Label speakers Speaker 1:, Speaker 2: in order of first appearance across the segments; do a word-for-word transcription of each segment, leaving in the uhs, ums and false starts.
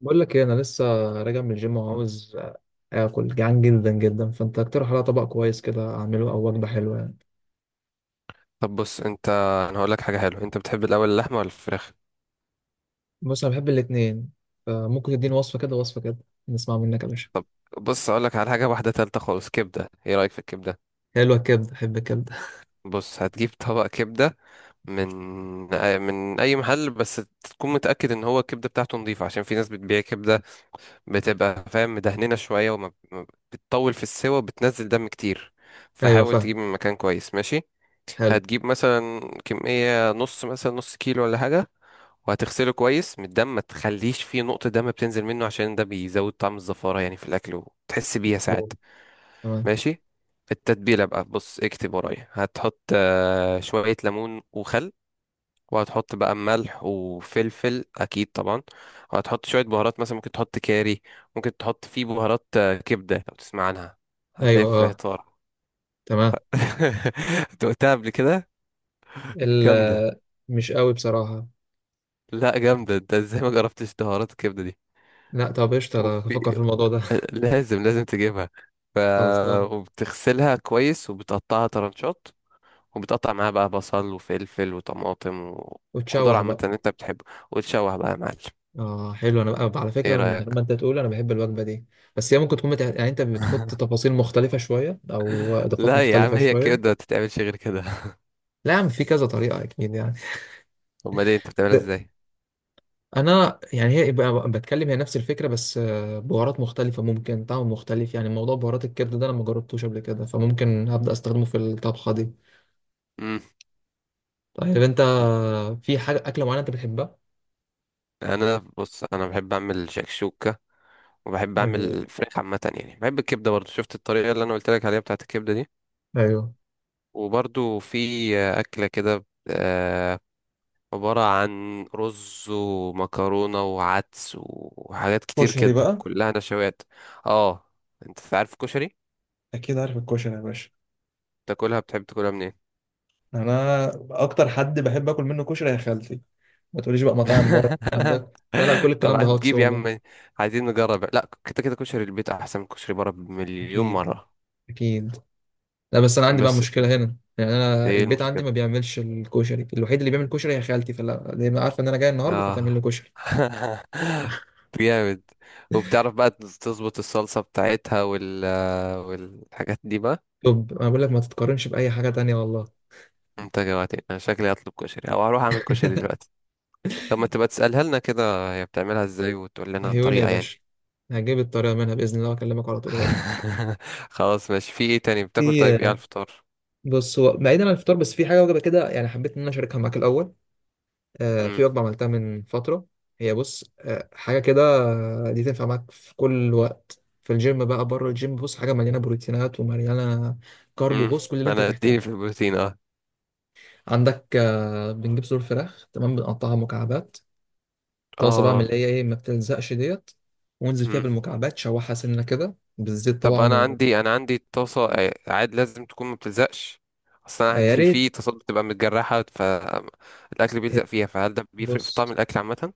Speaker 1: بقول لك ايه، انا لسه راجع من الجيم وعاوز اكل. جعان جدا جدا، فانت اقترح عليا طبق كويس كده اعمله او وجبه حلوه يعني.
Speaker 2: طب بص انت. انا هقول لك حاجه حلوه، انت بتحب الاول اللحمه ولا الفراخ؟
Speaker 1: بص انا بحب الاتنين، فممكن تديني وصفه كده وصفه كده. نسمع منك يا باشا.
Speaker 2: بص هقول لك على حاجه واحده تالته خالص، كبده. ايه رايك في الكبده؟
Speaker 1: حلوه الكبده، بحب الكبده.
Speaker 2: بص هتجيب طبق كبده من من اي محل، بس تكون متاكد ان هو الكبده بتاعته نظيفه، عشان في ناس بتبيع كبده بتبقى فاهم مدهننه شويه، وما ما بتطول في السوا وبتنزل دم كتير.
Speaker 1: ايوه
Speaker 2: فحاول تجيب
Speaker 1: فاهم.
Speaker 2: من مكان كويس ماشي.
Speaker 1: حلو.
Speaker 2: هتجيب مثلا كميه نص، مثلا نص كيلو ولا حاجه، وهتغسله كويس من الدم، ما تخليش فيه نقطة دم بتنزل منه، عشان ده بيزود طعم الزفارة يعني في الأكل وتحس بيها ساعات.
Speaker 1: أوه. تمام.
Speaker 2: ماشي، التتبيلة بقى بص اكتب ورايا، هتحط آه، شوية ليمون وخل، وهتحط بقى ملح وفلفل أكيد طبعا، وهتحط شوية بهارات مثلا ممكن تحط كاري، ممكن تحط فيه بهارات، آه، كبدة، لو تسمع عنها هتلاقيها
Speaker 1: ايوه
Speaker 2: في
Speaker 1: اه.
Speaker 2: العطار.
Speaker 1: تمام.
Speaker 2: أنت قلتها قبل كده،
Speaker 1: ال
Speaker 2: جامدة.
Speaker 1: مش قوي بصراحه.
Speaker 2: لا جامدة، ده ازاي ما جربتش بهارات الكبدة دي؟
Speaker 1: لا طب قشطه، أنا
Speaker 2: وفي
Speaker 1: هفكر في الموضوع ده.
Speaker 2: لازم لازم تجيبها. ف...
Speaker 1: خلصان.
Speaker 2: وبتغسلها كويس وبتقطعها طرنشات، وبتقطع معاها بقى بصل وفلفل وطماطم وخضار
Speaker 1: وتشوح
Speaker 2: عامة
Speaker 1: بقى.
Speaker 2: اللي انت بتحبه، وتشوح بقى يا معلم.
Speaker 1: اه حلو، انا بقى على
Speaker 2: ايه
Speaker 1: فكره من
Speaker 2: رأيك؟
Speaker 1: غير ما انت تقول انا بحب الوجبه دي. بس هي ممكن تكون بتاع... يعني انت بتحط تفاصيل مختلفه شويه او اضافات
Speaker 2: لا يا
Speaker 1: مختلفه
Speaker 2: عم هي كده، ما
Speaker 1: شويه.
Speaker 2: تتعملش غير كده.
Speaker 1: لا يا عم، في كذا طريقه اكيد يعني.
Speaker 2: امال ايه، انت بتعملها
Speaker 1: ده-
Speaker 2: ازاي؟
Speaker 1: انا يعني هي بقى بتكلم، هي نفس الفكره، بس آه، بهارات مختلفه ممكن طعم مختلف. يعني موضوع بهارات الكبده ده انا ما جربتوش قبل كده، فممكن هبدا استخدمه في الطبخه دي.
Speaker 2: امم
Speaker 1: طيب انت، في حاجه اكله معينه انت بتحبها؟
Speaker 2: انا بص، انا بحب اعمل شكشوكة، وبحب
Speaker 1: جميل.
Speaker 2: اعمل فراخ عامة، يعني بحب الكبدة برضو، شفت الطريقة اللي انا قلت لك عليها بتاعت الكبدة دي.
Speaker 1: ايوه.
Speaker 2: وبرضو في أكلة كده، آه، عبارة عن رز ومكرونة وعدس وحاجات كتير
Speaker 1: كشري
Speaker 2: كده
Speaker 1: بقى.
Speaker 2: كلها نشويات. اه، انت عارف الكشري،
Speaker 1: اكيد عارف الكشري يا باشا.
Speaker 2: تاكلها؟ بتحب تاكلها منين؟
Speaker 1: انا اكتر حد بحب اكل منه كشري هي خالتي. ما تقوليش بقى مطاعم بره، الكلام ده لا لا، كل الكلام ده
Speaker 2: طبعا
Speaker 1: هاكس
Speaker 2: تجيب يا
Speaker 1: والله.
Speaker 2: عم، عايزين نجرب. لا كده كده كشري البيت احسن من كشري بره بمليون
Speaker 1: اكيد
Speaker 2: مرة.
Speaker 1: اكيد. لا بس انا عندي بقى
Speaker 2: بس
Speaker 1: مشكله هنا. يعني انا
Speaker 2: ايه
Speaker 1: البيت عندي
Speaker 2: المشكلة؟
Speaker 1: ما بيعملش الكشري، الوحيد اللي بيعمل كشري هي خالتي، فلا دي ما عارفه ان انا جاي النهارده فتعمل لي
Speaker 2: اه.
Speaker 1: كشري.
Speaker 2: جامد، وبتعرف بقى تظبط الصلصة بتاعتها وال والحاجات دي بقى.
Speaker 1: طب انا بقول لك ما تتقارنش باي حاجه تانية والله.
Speaker 2: انت جوعتني، انا شكلي هطلب كشري او هروح اعمل كشري دلوقتي. طب ما تبقى تسألها لنا كده هي بتعملها ازاي، وتقول لنا
Speaker 1: عيوني يا
Speaker 2: الطريقة يعني.
Speaker 1: باشا. هجيب الطريقه منها باذن الله واكلمك على طول هقول لك.
Speaker 2: خلاص ماشي، في ايه تاني بتاكل؟ طيب ايه على
Speaker 1: في.
Speaker 2: الفطار؟
Speaker 1: بص هو بعيدا عن الفطار، بس في حاجه وجبه كده، يعني حبيت ان انا اشاركها معاك الاول. آه، في
Speaker 2: امم
Speaker 1: وجبة عملتها من فترة. هي بص، آه، حاجة كده. آه، دي تنفع معاك في كل وقت، في الجيم بقى بره الجيم. بص حاجة مليانة بروتينات ومليانة كارب،
Speaker 2: امم
Speaker 1: وبص كل اللي انت
Speaker 2: انا
Speaker 1: تحتاجه.
Speaker 2: اديني في البروتين اه.
Speaker 1: عندك آه، بنجيب صدور فراخ، تمام، بنقطعها مكعبات. طاسة بقى من اللي
Speaker 2: اه،
Speaker 1: هي ايه، ما بتلزقش ديت. وانزل فيها
Speaker 2: امم
Speaker 1: بالمكعبات، شوحها سنة كده بالزيت
Speaker 2: طب
Speaker 1: طبعا
Speaker 2: انا
Speaker 1: و...
Speaker 2: عندي، انا عندي طاسة، آه، عاد لازم تكون ما بتلزقش. اصل انا
Speaker 1: آه، يا
Speaker 2: عندي
Speaker 1: ريت.
Speaker 2: في طاسات بتبقى متجرحة، فالاكل
Speaker 1: آه،
Speaker 2: بيلزق فيها، فهل ده بيفرق في طعم
Speaker 1: بص،
Speaker 2: الاكل عامة؟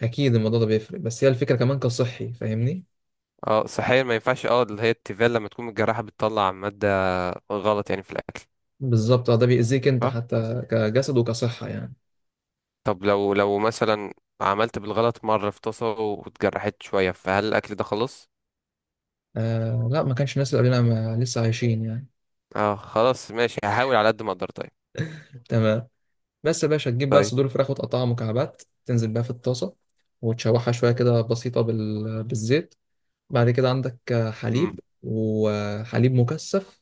Speaker 1: اكيد الموضوع ده بيفرق، بس هي الفكرة كمان كصحي فاهمني.
Speaker 2: اه صحيا ما ينفعش، اه، اللي هي التيفال لما تكون متجرحة بتطلع مادة غلط يعني في الاكل.
Speaker 1: بالظبط، آه، ده بيأذيك انت حتى كجسد وكصحة يعني.
Speaker 2: طب لو لو مثلا عملت بالغلط مرة في طاسة واتجرحت شوية، فهل الأكل ده خلاص؟
Speaker 1: آه لا، ما كانش الناس اللي قبلنا ما- لسه عايشين يعني.
Speaker 2: اه خلاص ماشي، هحاول على قد ما أقدر. طيب.
Speaker 1: تمام. بس يا باشا، تجيب بقى
Speaker 2: طيب.
Speaker 1: صدور فراخ وتقطعها مكعبات، تنزل بقى في الطاسة، وتشوحها شوية كده بسيطة بال... بالزيت. بعد كده عندك آه،
Speaker 2: مم.
Speaker 1: حليب وحليب مكثف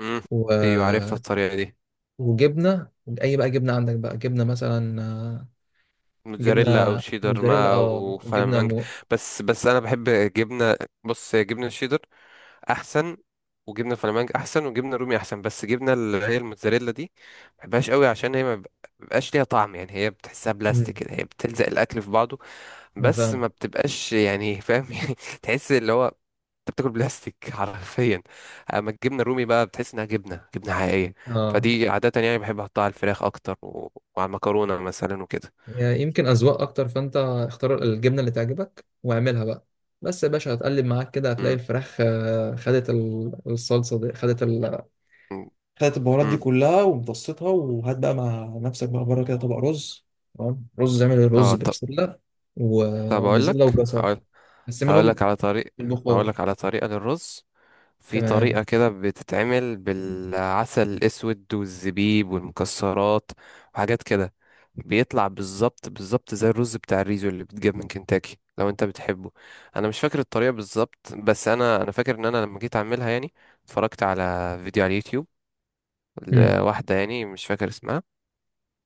Speaker 2: مم.
Speaker 1: و...
Speaker 2: أيوة عارفها الطريقة دي.
Speaker 1: وجبنة. أي بقى جبنة، عندك بقى جبنة مثلا آه،
Speaker 2: موتزاريلا أو
Speaker 1: جبنة
Speaker 2: شيدر
Speaker 1: موتزاريلا.
Speaker 2: ما
Speaker 1: اه
Speaker 2: أو
Speaker 1: جبنة
Speaker 2: فلامنج.
Speaker 1: مو
Speaker 2: بس بس أنا بحب جبنة. بص هي جبنة الشيدر أحسن، وجبنة الفلامنج أحسن، وجبنة رومي أحسن، بس جبنة اللي هي الموتزاريلا دي ما بحبهاش قوي، عشان هي ما بيبقاش ليها طعم، يعني هي بتحسها بلاستيك
Speaker 1: مم.
Speaker 2: كده، هي بتلزق الأكل في بعضه.
Speaker 1: أنا
Speaker 2: بس
Speaker 1: فاهم.
Speaker 2: ما بتبقاش، يعني فاهم يعني. تحس اللي هو انت بتاكل بلاستيك حرفيا. اما الجبنه الرومي بقى بتحس انها جبنه جبنه حقيقيه.
Speaker 1: اه.
Speaker 2: فدي عاده يعني بحب احطها على الفراخ اكتر و... وعلى المكرونه مثلا وكده.
Speaker 1: يعني يمكن أذواق أكتر، فأنت اختار الجبنة اللي تعجبك واعملها بقى. بس يا باشا، هتقلب معاك كده هتلاقي
Speaker 2: امم
Speaker 1: الفراخ آه، خدت ال- الصلصة دي، خدت ال...
Speaker 2: امم
Speaker 1: خدت البهارات دي
Speaker 2: امم.
Speaker 1: كلها ومتصيتها. وهات بقى مع نفسك بقى بره كده طبق رز. تمام رز، اعمل رز
Speaker 2: اه طب.
Speaker 1: ببسلة
Speaker 2: طب اقول لك.
Speaker 1: وبزلة وجزر،
Speaker 2: هقول هقول
Speaker 1: قسمهم
Speaker 2: لك على طريق هقول
Speaker 1: بالبخار.
Speaker 2: لك على طريقه للرز. في طريقة
Speaker 1: تمام.
Speaker 2: كده بتتعمل بالعسل الأسود والزبيب والمكسرات وحاجات كده. بيطلع بالظبط بالظبط زي الرز بتاع الريزو اللي بيتجاب من كنتاكي لو انت بتحبه. انا مش فاكر الطريقة بالظبط، بس انا انا فاكر ان انا لما جيت اعملها يعني اتفرجت على فيديو على اليوتيوب
Speaker 1: مم.
Speaker 2: لواحدة يعني مش فاكر اسمها،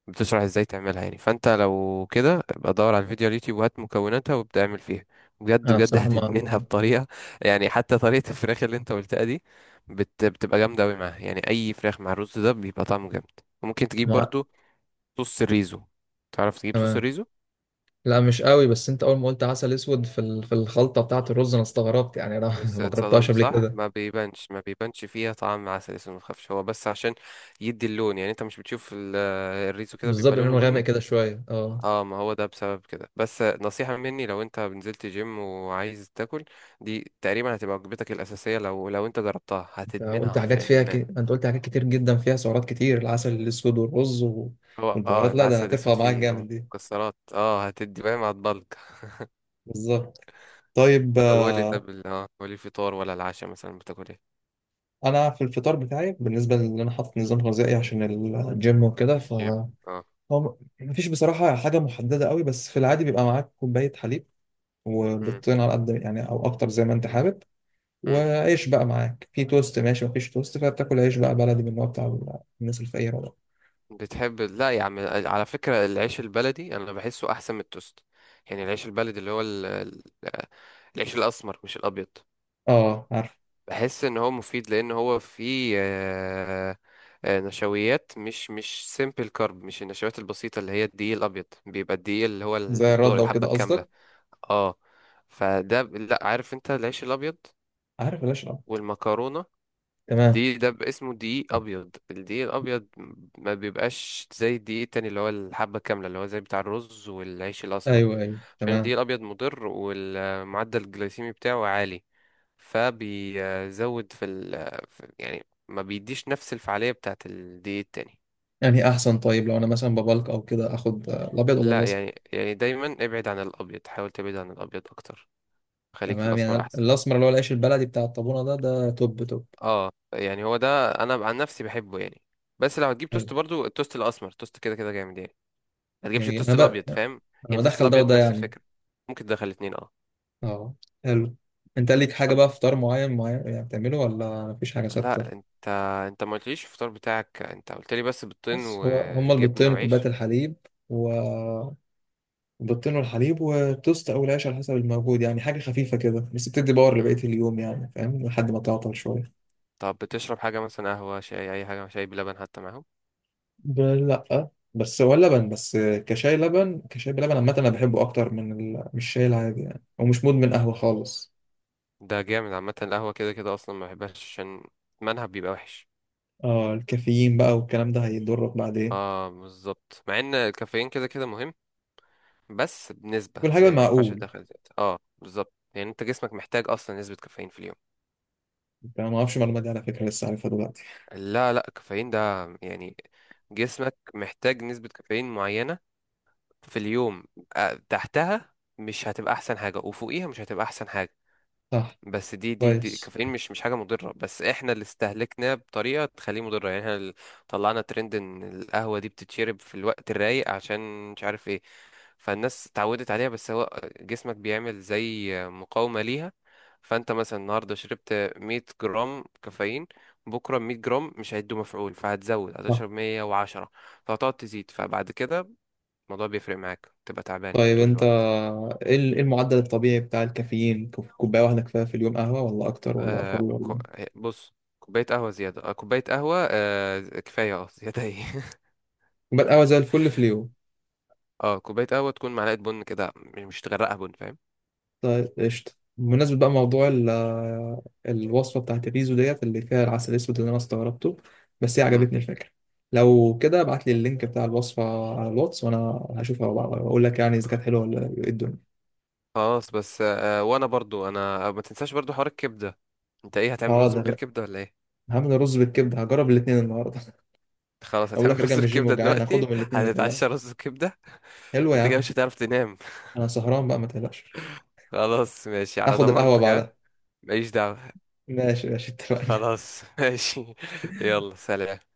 Speaker 2: بتشرح ازاي تعملها يعني. فانت لو كده ابقى دور على الفيديو على اليوتيوب وهات مكوناتها وابدا اعمل فيها. بجد
Speaker 1: أنا
Speaker 2: بجد
Speaker 1: بصراحة ما
Speaker 2: هتدمنها بطريقه، يعني حتى طريقه الفراخ اللي انت قلتها دي بت... بتبقى جامده قوي معاها. يعني اي فراخ مع الرز ده بيبقى طعمه جامد. وممكن تجيب
Speaker 1: ما
Speaker 2: برضو صوص الريزو، تعرف تجيب صوص
Speaker 1: تمام.
Speaker 2: الريزو؟
Speaker 1: لا مش قوي، بس انت اول ما قلت عسل اسود في ال- في الخلطه بتاعه الرز، انا استغربت. يعني انا
Speaker 2: بس
Speaker 1: ما جربتهاش
Speaker 2: اتصدمت
Speaker 1: قبل
Speaker 2: صح؟
Speaker 1: كده.
Speaker 2: ما بيبانش ما بيبانش فيها طعم عسل اسود، ما تخافش، هو بس عشان يدي اللون، يعني انت مش بتشوف ال- الريزو كده بيبقى
Speaker 1: بالظبط،
Speaker 2: لونه
Speaker 1: لونه غامق
Speaker 2: بني؟
Speaker 1: كده شويه اه.
Speaker 2: اه، ما هو ده بسبب كده. بس نصيحة مني، لو انت نزلت جيم وعايز تاكل، دي تقريبا هتبقى وجبتك الأساسية. لو لو انت جربتها
Speaker 1: انت
Speaker 2: هتدمنها
Speaker 1: قلت حاجات
Speaker 2: حرفيا
Speaker 1: فيها ك...
Speaker 2: ادمان.
Speaker 1: انت قلت حاجات كتير جدا فيها سعرات كتير. العسل الاسود والرز و...
Speaker 2: هو اه
Speaker 1: والبهارات، لا ده
Speaker 2: العسل
Speaker 1: هترفع
Speaker 2: الاسود
Speaker 1: معاك
Speaker 2: فيه او
Speaker 1: جامد دي.
Speaker 2: مكسرات اه، هتدي فاهم، هتبلك
Speaker 1: بالظبط. طيب
Speaker 2: طب قولي،
Speaker 1: آه،
Speaker 2: طب ال- اه قولي فطار ولا العشاء مثلا بتاكل ايه؟
Speaker 1: انا في الفطار بتاعي، بالنسبه لان انا حاطط نظام غذائي عشان الجيم وكده ف...
Speaker 2: جيم اه.
Speaker 1: هو م- مفيش بصراحه حاجه محدده قوي، بس في العادي بيبقى معاك كوبايه حليب
Speaker 2: مم.
Speaker 1: وبيضتين على قد يعني او اكتر زي ما انت حابب.
Speaker 2: مم.
Speaker 1: وعيش بقى معاك في توست، ماشي مفيش توست فبتاكل عيش بقى بلدي من النوع بتاع الناس الفقيره ده.
Speaker 2: بتحب ال- لا يا عم على فكرة العيش البلدي انا بحسه احسن من التوست. يعني العيش البلدي اللي هو ال... ال- آه، العيش الاسمر مش الابيض.
Speaker 1: اه
Speaker 2: بحس ان هو مفيد، لان هو فيه آه، آه، نشويات، مش مش سيمبل كارب، مش النشويات البسيطه اللي هي الدقيق الابيض، بيبقى الدقيق اللي هو
Speaker 1: زي
Speaker 2: الدور
Speaker 1: الردة
Speaker 2: الحبه
Speaker 1: وكده
Speaker 2: الكامله
Speaker 1: قصدك.
Speaker 2: اه. فده ب- لا عارف انت، العيش الابيض
Speaker 1: عارف ليش اه.
Speaker 2: والمكرونه
Speaker 1: تمام.
Speaker 2: دي ده ب- اسمه دقيق ابيض. الدقيق الابيض ما بيبقاش زي الدقيق التاني اللي هو الحبه كامله، اللي هو زي بتاع الرز والعيش الاسمر.
Speaker 1: ايوه ايوه
Speaker 2: عشان الدقيق
Speaker 1: تمام.
Speaker 2: الابيض مضر، والمعدل الجلايسيمي بتاعه عالي، فبيزود في ال في- يعني ما بيديش نفس الفعالية بتاعة الدقيق التاني.
Speaker 1: يعني إيه احسن؟ طيب لو انا مثلا ببلك او كده، اخد آه، الابيض ولا
Speaker 2: لا
Speaker 1: الاسمر؟
Speaker 2: يعني يعني دايما ابعد عن الابيض، حاول تبعد عن الابيض اكتر، خليك في
Speaker 1: تمام، يعني
Speaker 2: الاسمر احسن.
Speaker 1: الاسمر اللي هو العيش البلدي بتاع الطابونة ده، ده توب توب.
Speaker 2: اه يعني هو ده انا عن نفسي بحبه يعني. بس لو هتجيب
Speaker 1: حلو.
Speaker 2: توست برضو، التوست الاسمر التوست كده كده جامد يعني، ما تجيبش
Speaker 1: جميل. انا
Speaker 2: التوست
Speaker 1: بقى
Speaker 2: الابيض، فاهم يعني؟
Speaker 1: انا
Speaker 2: التوست
Speaker 1: بدخل ده
Speaker 2: الابيض
Speaker 1: وده
Speaker 2: نفس
Speaker 1: يعني.
Speaker 2: الفكرة، ممكن تدخل الاتنين اه.
Speaker 1: اه حلو. انت ليك حاجة بقى فطار معين معين يعني بتعمله ولا مفيش حاجة ثابتة؟
Speaker 2: لا انت انت ما قلتليش الفطار بتاعك، انت قلت لي بس بيضتين
Speaker 1: بس هو هما
Speaker 2: وجبنه
Speaker 1: البيضتين وكوباية
Speaker 2: وعيش.
Speaker 1: الحليب، و البيضتين والحليب وتوست او العيش على حسب الموجود، يعني حاجه خفيفه كده بس بتدي باور لبقيه
Speaker 2: مم.
Speaker 1: اليوم، يعني فاهم، لحد ما تعطل شويه.
Speaker 2: طب بتشرب حاجه، مثلا قهوه شاي اي حاجه، شاي بلبن حتى معاهم؟
Speaker 1: ب- لا، بس هو اللبن بس كشاي، لبن كشاي، بلبن عامة أنا بحبه أكتر من ال... مش الشاي العادي يعني، ومش مدمن قهوة خالص.
Speaker 2: ده جامد، عامه القهوه كده كده اصلا ما بحبهاش، عشان منها بيبقى وحش.
Speaker 1: اه الكافيين بقى والكلام ده هيضرك بعدين.
Speaker 2: اه بالظبط، مع ان الكافيين كده كده مهم، بس بنسبه
Speaker 1: والحاجة
Speaker 2: يعني ما ينفعش
Speaker 1: المعقول،
Speaker 2: تدخل زيادة. اه بالظبط، يعني انت جسمك محتاج اصلا نسبه كافيين في اليوم.
Speaker 1: أنت ما أعرفش المعلومة دي على فكرة، لسه عارفها دلوقتي.
Speaker 2: لا لا الكافيين ده يعني جسمك محتاج نسبه كافيين معينه في اليوم، آه، تحتها مش هتبقى احسن حاجه، وفوقيها مش هتبقى احسن حاجه.
Speaker 1: صح.
Speaker 2: بس دي دي دي
Speaker 1: كويس.
Speaker 2: الكافيين مش مش حاجه مضره، بس احنا اللي استهلكناه بطريقه تخليه مضره. يعني احنا اللي طلعنا ترند ان القهوه دي بتتشرب في الوقت الرايق عشان مش عارف ايه، فالناس اتعودت عليها. بس هو جسمك بيعمل زي مقاومه ليها، فانت مثلا النهارده شربت مية جرام كافيين، بكره مية جرام مش هيدوا مفعول، فهتزود
Speaker 1: صح.
Speaker 2: هتشرب مية وعشرة، فهتقعد تزيد، فبعد كده الموضوع بيفرق معاك، تبقى تعبان
Speaker 1: طيب
Speaker 2: طول
Speaker 1: أنت،
Speaker 2: الوقت.
Speaker 1: إيه ال- إيه المعدل الطبيعي بتاع الكافيين؟ كوب- كوباية واحدة كفاية في اليوم قهوة؟ ولا أكتر ولا أقل
Speaker 2: آه كو...
Speaker 1: ولا؟
Speaker 2: آه، بص كوباية قهوة زيادة، آه كوباية قهوة آه كفاية اه، زيادة ايه؟
Speaker 1: كوباية قهوة زي الفل في اليوم.
Speaker 2: اه كوباية قهوة تكون معلقة بن كده، مش مش تغرقها بن، فاهم؟
Speaker 1: طيب قشطة. بمناسبة بقى موضوع ال- الوصفة بتاعت الريزو ديت اللي فيها العسل الأسود اللي أنا استغربته، بس هي
Speaker 2: امم.
Speaker 1: عجبتني الفكرة. لو كده ابعت لي اللينك بتاع الوصفة على الواتس، وأنا هشوفها وأ- وأقول لك يعني إذا كانت حلوة ولا إيه الدنيا.
Speaker 2: خلاص بس آه، وانا برضو انا، آه، ما تنساش برضو حوار الكبدة، انت ايه هتعمل رز من غير
Speaker 1: هقدر.
Speaker 2: كبدة ولا ايه؟
Speaker 1: هعمل رز بالكبدة، هجرب الاتنين النهاردة.
Speaker 2: خلاص
Speaker 1: أقول لك
Speaker 2: هتعمل
Speaker 1: راجع
Speaker 2: رز
Speaker 1: من الجيم
Speaker 2: بكبدة
Speaker 1: وجعان،
Speaker 2: دلوقتي،
Speaker 1: هاخدهم الاتنين ما
Speaker 2: هتتعشى
Speaker 1: تقلقش.
Speaker 2: رز بكبدة.
Speaker 1: حلوة يا
Speaker 2: انت كده
Speaker 1: عم.
Speaker 2: مش هتعرف تنام.
Speaker 1: أنا سهران بقى ما تقلقش.
Speaker 2: خلاص ماشي على
Speaker 1: هاخد القهوة
Speaker 2: ضمانتك
Speaker 1: بعدها.
Speaker 2: ها. ماليش دعوة.
Speaker 1: ماشي ماشي اتفقنا.
Speaker 2: خلاص ماشي، يلا سلام.